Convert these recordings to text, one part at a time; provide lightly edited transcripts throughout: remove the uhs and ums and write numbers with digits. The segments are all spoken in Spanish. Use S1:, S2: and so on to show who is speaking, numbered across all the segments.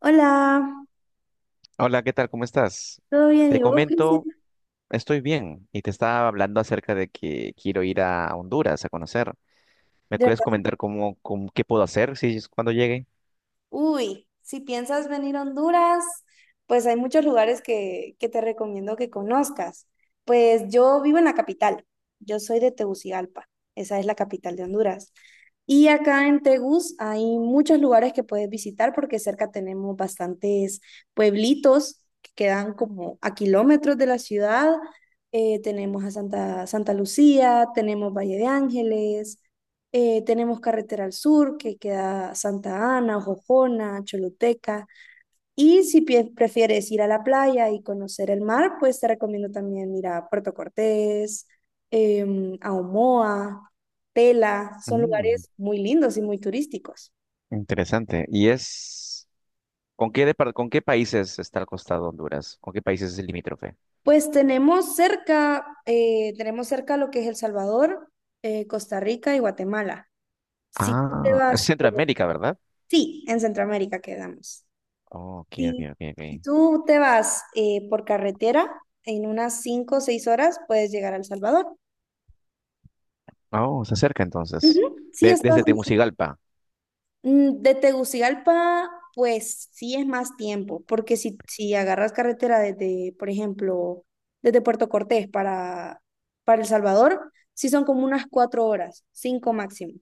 S1: Hola,
S2: Hola, ¿qué tal? ¿Cómo estás?
S1: ¿todo bien?
S2: Te
S1: ¿Y vos, Cristian?
S2: comento, estoy bien y te estaba hablando acerca de que quiero ir a Honduras a conocer. ¿Me
S1: De
S2: puedes
S1: verdad.
S2: comentar qué puedo hacer si es cuando llegue?
S1: Uy, si piensas venir a Honduras, pues hay muchos lugares que te recomiendo que conozcas. Pues yo vivo en la capital, yo soy de Tegucigalpa, esa es la capital de Honduras. Y acá en Tegus hay muchos lugares que puedes visitar porque cerca tenemos bastantes pueblitos que quedan como a kilómetros de la ciudad. Tenemos a Santa Lucía, tenemos Valle de Ángeles. Tenemos Carretera al Sur, que queda Santa Ana, Jojona, Choluteca. Y si prefieres ir a la playa y conocer el mar, pues te recomiendo también ir a Puerto Cortés, a Omoa, Tela. Son
S2: Mm,
S1: lugares muy lindos y muy turísticos.
S2: interesante. ¿Y es con qué países está al costado Honduras? ¿Con qué países es el limítrofe?
S1: Pues tenemos cerca lo que es El Salvador, Costa Rica y Guatemala. Si tú te
S2: Ah, es
S1: vas,
S2: Centroamérica, ¿verdad?
S1: sí, en Centroamérica quedamos.
S2: Oh, ok, ok,
S1: Si,
S2: ok, ok.
S1: si tú te vas por carretera, en unas 5 o 6 horas puedes llegar a El Salvador.
S2: Oh, se acerca entonces.
S1: Ujú. Sí, estás
S2: Desde Tegucigalpa.
S1: de Tegucigalpa, pues sí es más tiempo, porque si agarras carretera desde, por ejemplo, desde Puerto Cortés para El Salvador, sí son como unas 4 horas, 5 máximo.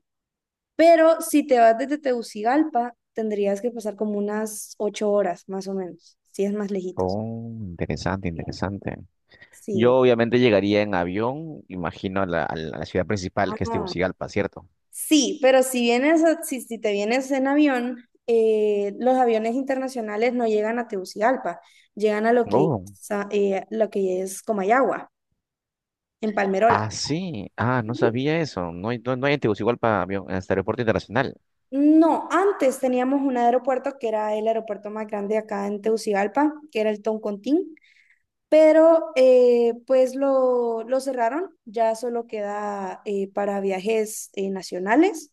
S1: Pero si te vas desde Tegucigalpa, tendrías que pasar como unas 8 horas, más o menos, si es más lejitos.
S2: Oh, interesante, interesante.
S1: Sí.
S2: Yo obviamente llegaría en avión, imagino, a la ciudad principal que es
S1: Ah,
S2: Tegucigalpa, ¿cierto?
S1: sí, pero si vienes, si te vienes en avión, los aviones internacionales no llegan a Tegucigalpa, llegan a lo que,
S2: Oh.
S1: sa- eh, lo que es Comayagua, en Palmerola.
S2: Ah, sí. Ah, no sabía eso. No hay en Tegucigalpa avión, en este aeropuerto internacional.
S1: No, antes teníamos un aeropuerto que era el aeropuerto más grande acá en Tegucigalpa, que era el Toncontín, pero pues lo cerraron, ya solo queda para viajes nacionales,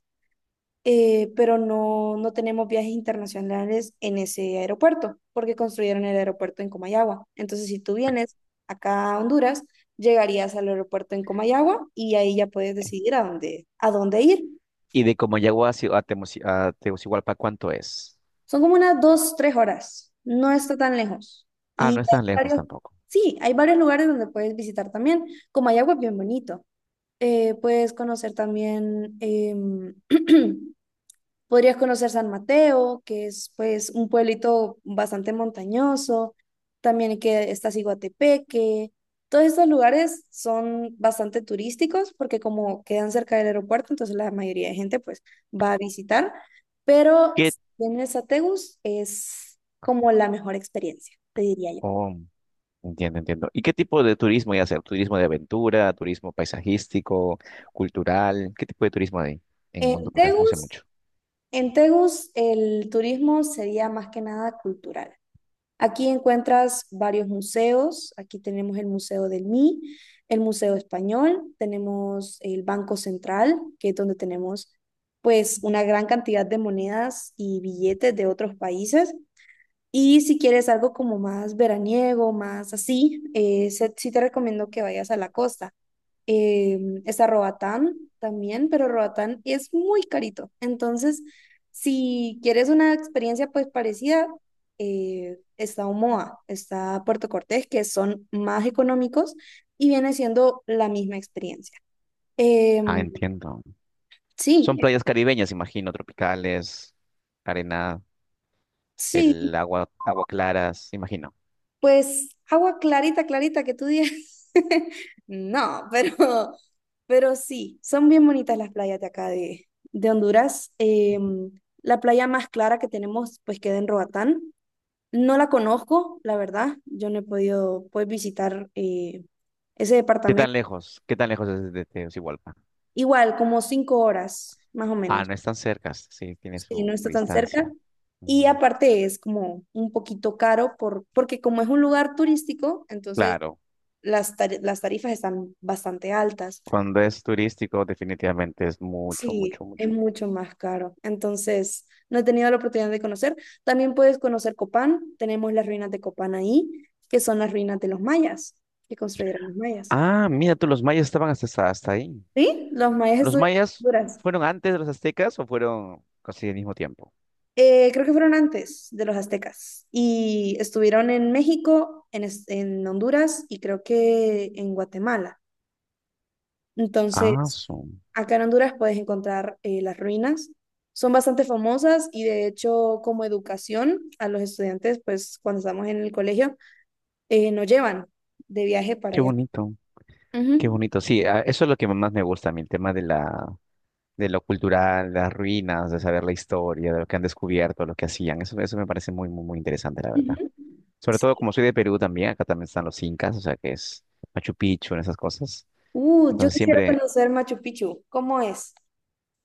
S1: pero no tenemos viajes internacionales en ese aeropuerto, porque construyeron el aeropuerto en Comayagua. Entonces, si tú vienes acá a Honduras, llegarías al aeropuerto en Comayagua y ahí ya puedes decidir a a dónde ir.
S2: ¿Y de Comayagua a, Tegucigalpa cuánto es?
S1: Son como unas dos, tres horas, no está tan lejos.
S2: Ah, no
S1: Y
S2: es
S1: hay
S2: tan lejos
S1: varios,
S2: tampoco.
S1: sí, hay varios lugares donde puedes visitar también. Comayagua es bien bonito. Puedes conocer también... Podrías conocer San Mateo, que es pues un pueblito bastante montañoso, también que está Ciguatepeque. Todos estos lugares son bastante turísticos porque como quedan cerca del aeropuerto, entonces la mayoría de gente pues va a visitar, pero
S2: ¿Qué?
S1: en Tegus es como la mejor experiencia, te diría yo.
S2: Oh, entiendo, entiendo. ¿Y qué tipo de turismo hay hacer? ¿Turismo de aventura, turismo paisajístico, cultural? ¿Qué tipo de turismo hay en
S1: En
S2: Honduras? No sé
S1: Tegus,
S2: mucho.
S1: en Tegus el turismo sería más que nada cultural. Aquí encuentras varios museos. Aquí tenemos el Museo del MI, el Museo Español, tenemos el Banco Central, que es donde tenemos pues una gran cantidad de monedas y billetes de otros países. Y si quieres algo como más veraniego, más así, sí te recomiendo que vayas a la costa. Eh, Está Roatán también, pero Roatán es muy carito. Entonces, si quieres una experiencia pues parecida, está Omoa, está Puerto Cortés, que son más económicos y viene siendo la misma experiencia.
S2: Ah,
S1: Em,
S2: entiendo. Son
S1: sí,
S2: playas caribeñas, imagino, tropicales, arena.
S1: sí.
S2: El agua claras, imagino.
S1: Pues agua clarita, clarita que tú digas. No, pero sí, son bien bonitas las playas de acá de Honduras. La playa más clara que tenemos, pues queda en Roatán. No la conozco, la verdad. Yo no he podido pues, visitar ese
S2: ¿Qué
S1: departamento.
S2: tan lejos? ¿Qué tan lejos es de Tegucigalpa?
S1: Igual, como cinco horas, más o
S2: Ah,
S1: menos.
S2: no es tan cerca, sí, tiene
S1: Sí, no
S2: su
S1: está tan cerca.
S2: distancia.
S1: Y
S2: Mm.
S1: aparte es como un poquito caro porque como es un lugar turístico, entonces
S2: Claro,
S1: las tarifas están bastante altas.
S2: cuando es turístico, definitivamente es mucho,
S1: Sí,
S2: mucho,
S1: es
S2: mucho.
S1: mucho más caro. Entonces, no he tenido la oportunidad de conocer. También puedes conocer Copán. Tenemos las ruinas de Copán ahí, que son las ruinas de los mayas, que construyeron los mayas.
S2: Ah, mira tú, los mayas estaban hasta ahí.
S1: ¿Sí? Los mayas
S2: ¿Los
S1: estuvieron en
S2: mayas
S1: Honduras.
S2: fueron antes de los aztecas o fueron casi al mismo tiempo?
S1: Creo que fueron antes de los aztecas. Y estuvieron en México, en Honduras y creo que en Guatemala.
S2: Ah,
S1: Entonces,
S2: su-
S1: acá en Honduras puedes encontrar las ruinas. Son bastante famosas y de hecho como educación a los estudiantes, pues cuando estamos en el colegio, nos llevan de viaje para
S2: ¡Qué
S1: allá.
S2: bonito, qué
S1: Ujú,
S2: bonito! Sí, ah, eso es lo que más me gusta a mí, el tema de la de lo cultural, las ruinas, de saber la historia, de lo que han descubierto, lo que hacían. Eso me parece muy, muy, muy interesante, la verdad.
S1: ujú.
S2: Sobre todo como soy de Perú también, acá también están los incas, o sea que es Machu Picchu, en esas cosas.
S1: Yo
S2: Entonces
S1: quisiera
S2: siempre,
S1: conocer Machu Picchu. ¿Cómo es?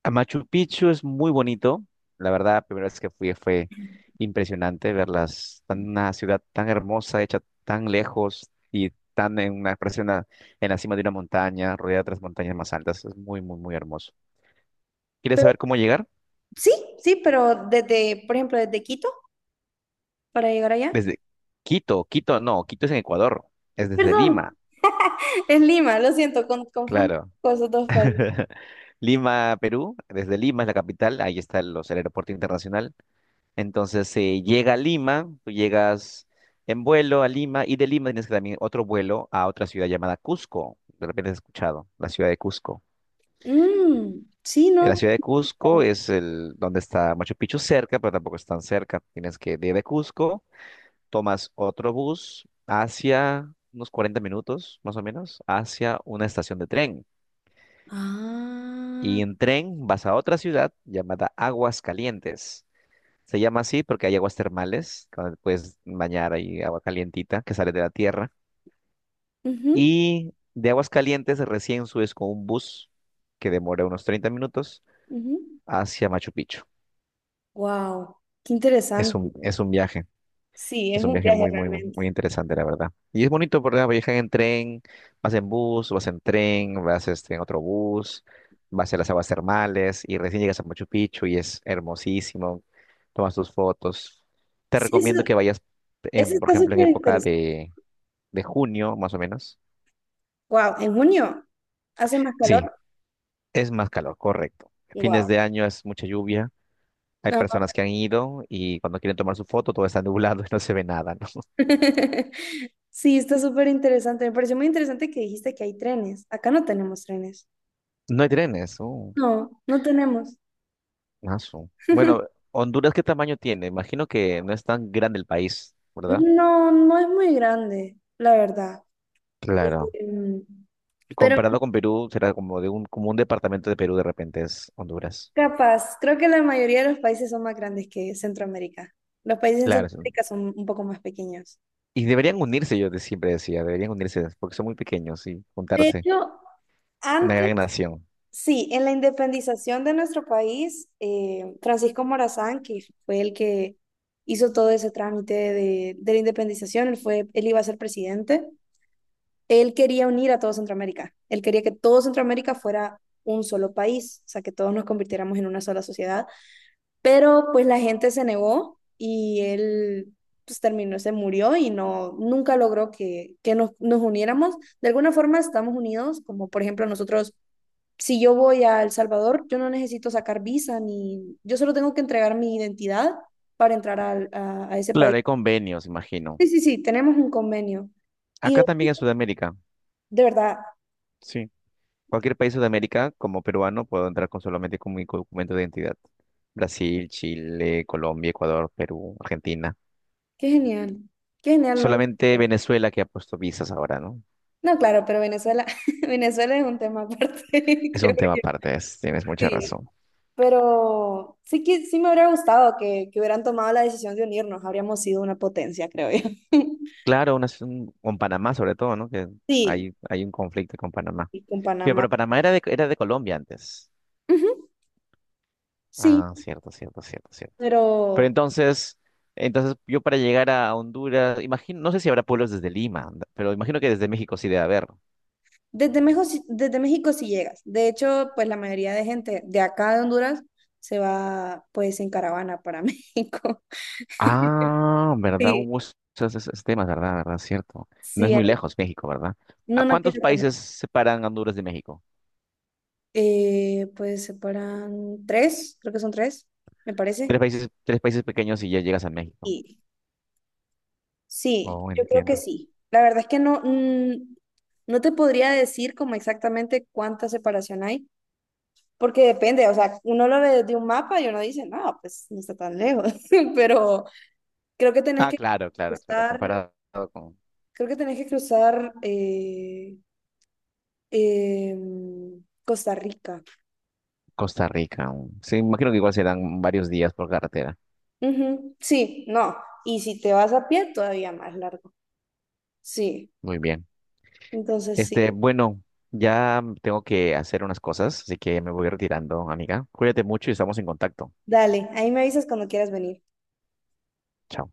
S2: a Machu Picchu es muy bonito. La verdad, la primera vez que fui fue impresionante verlas, tan, una ciudad tan hermosa, hecha tan lejos y tan en la cima de una montaña, rodeada de otras montañas más altas. Es muy, muy, muy hermoso. ¿Quieres
S1: Pero,
S2: saber cómo llegar?
S1: sí, sí, pero desde, por ejemplo, desde Quito para llegar allá.
S2: Desde Quito, Quito, no, Quito es en Ecuador, es desde
S1: Perdón,
S2: Lima,
S1: es Lima, lo siento, confundo
S2: claro.
S1: con esos dos países.
S2: Lima, Perú, desde Lima es la capital, ahí está el aeropuerto internacional. Entonces se llega a Lima, tú llegas en vuelo a Lima y de Lima tienes que también otro vuelo a otra ciudad llamada Cusco. De repente has escuchado, la ciudad de Cusco.
S1: Mm, sí,
S2: La
S1: ¿no?
S2: ciudad de Cusco es el donde está Machu Picchu cerca, pero tampoco es tan cerca. Tienes que de Cusco tomas otro bus hacia unos 40 minutos, más o menos, hacia una estación de tren.
S1: Ah,
S2: Y en tren vas a otra ciudad llamada Aguas Calientes. Se llama así porque hay aguas termales, donde te puedes bañar, hay agua calientita que sale de la tierra. Y de Aguas Calientes recién subes con un bus que demora unos 30 minutos hacia Machu Picchu.
S1: wow, qué interesante.
S2: Es un viaje.
S1: Sí,
S2: Es
S1: es
S2: un
S1: un
S2: viaje
S1: viaje
S2: muy, muy, muy
S1: realmente.
S2: interesante, la verdad. Y es bonito, ¿verdad? Viajan en tren, vas en bus, vas en tren, vas este, en otro bus, vas a las aguas termales y recién llegas a Machu Picchu y es hermosísimo. Tomas tus fotos. Te
S1: Sí, eso,
S2: recomiendo que vayas,
S1: eso
S2: en, por
S1: está
S2: ejemplo, en
S1: súper
S2: época
S1: interesante.
S2: de junio, más o menos.
S1: Wow, en junio hace más
S2: Sí,
S1: calor.
S2: es más calor, correcto. Fines
S1: Wow.
S2: de año es mucha lluvia. Hay
S1: No.
S2: personas que han ido y cuando quieren tomar su foto todo está nublado y no se ve nada, ¿no?
S1: Sí, está súper interesante. Me pareció muy interesante que dijiste que hay trenes. Acá no tenemos trenes.
S2: No hay trenes. Oh.
S1: No tenemos.
S2: Mazo. Bueno, Honduras, ¿qué tamaño tiene? Imagino que no es tan grande el país, ¿verdad?
S1: No es muy grande, la verdad.
S2: Claro.
S1: Em, Pero
S2: Comparado con Perú, será como como un departamento de Perú de repente es Honduras.
S1: capaz, creo que la mayoría de los países son más grandes que Centroamérica. Los países en
S2: Claro, sí.
S1: Centroamérica son un poco más pequeños.
S2: Y deberían unirse, yo siempre decía, deberían unirse, porque son muy pequeños y
S1: De
S2: juntarse.
S1: hecho,
S2: Una
S1: antes,
S2: gran nación.
S1: sí, en la independización de nuestro país, Francisco Morazán, que fue el que hizo todo ese trámite de la independización, él fue, él iba a ser presidente, él quería unir a todo Centroamérica, él quería que todo Centroamérica fuera un solo país, o sea, que todos nos convirtiéramos en una sola sociedad. Pero pues la gente se negó y él pues terminó, se murió y no, nunca logró que nos uniéramos. De alguna forma estamos unidos, como por ejemplo nosotros, si yo voy a El Salvador, yo no necesito sacar visa ni, yo solo tengo que entregar mi identidad para entrar a ese país.
S2: Claro, hay convenios, imagino.
S1: Sí, sí, sí, tenemos un convenio. Y de,
S2: Acá también en Sudamérica.
S1: de verdad,
S2: Sí. Cualquier país de Sudamérica, como peruano, puedo entrar con solamente con mi documento de identidad. Brasil, Chile, Colombia, Ecuador, Perú, Argentina.
S1: qué genial, qué genial. No,
S2: Solamente Venezuela que ha puesto visas ahora, ¿no?
S1: no, claro, pero Venezuela, Venezuela es un tema aparte,
S2: Es
S1: creo
S2: un tema
S1: yo.
S2: aparte, tienes mucha
S1: Sí.
S2: razón.
S1: Pero sí que sí me hubiera gustado que hubieran tomado la decisión de unirnos. Habríamos sido una potencia, creo yo.
S2: Claro, con Panamá sobre todo, ¿no? Que
S1: Sí,
S2: hay un conflicto con Panamá.
S1: y con
S2: Sí,
S1: Panamá.
S2: pero Panamá era era de Colombia antes.
S1: Ujú, sí,
S2: Ah, cierto, cierto, cierto, cierto. Pero
S1: pero
S2: entonces, entonces yo para llegar a Honduras, imagino, no sé si habrá pueblos desde Lima, pero imagino que desde México sí debe haber.
S1: desde México sí llegas. De hecho, pues la mayoría de gente de acá de Honduras se va pues en caravana para México.
S2: Ah, ¿verdad?
S1: Sí,
S2: Hubo esos, esos temas, ¿verdad? ¿Verdad? Cierto. No es
S1: sí,
S2: muy
S1: ahí.
S2: lejos México, ¿verdad?
S1: No,
S2: ¿A
S1: no
S2: cuántos
S1: queda tan-
S2: países separan Honduras de México?
S1: Pues separan tres, creo que son tres, me parece.
S2: Tres países pequeños y ya llegas a México.
S1: Sí,
S2: Oh,
S1: yo creo que
S2: entiendo.
S1: sí. La verdad es que no, no te podría decir como exactamente cuánta separación hay, porque depende, o sea, uno lo ve desde un mapa y uno dice, no, pues no está tan lejos, pero creo que tenés
S2: Ah,
S1: que
S2: claro, claro, claro.
S1: cruzar,
S2: Comparado con
S1: creo que tenés que cruzar Costa Rica.
S2: Costa Rica. Mm. Sí, imagino que igual serán varios días por carretera.
S1: Ujú, sí, no, y si te vas a pie, todavía más largo. Sí,
S2: Muy bien.
S1: entonces sí,
S2: Este, bueno, ya tengo que hacer unas cosas, así que me voy retirando, amiga. Cuídate mucho y estamos en contacto.
S1: dale, ahí me avisas cuando quieras venir.
S2: Chao.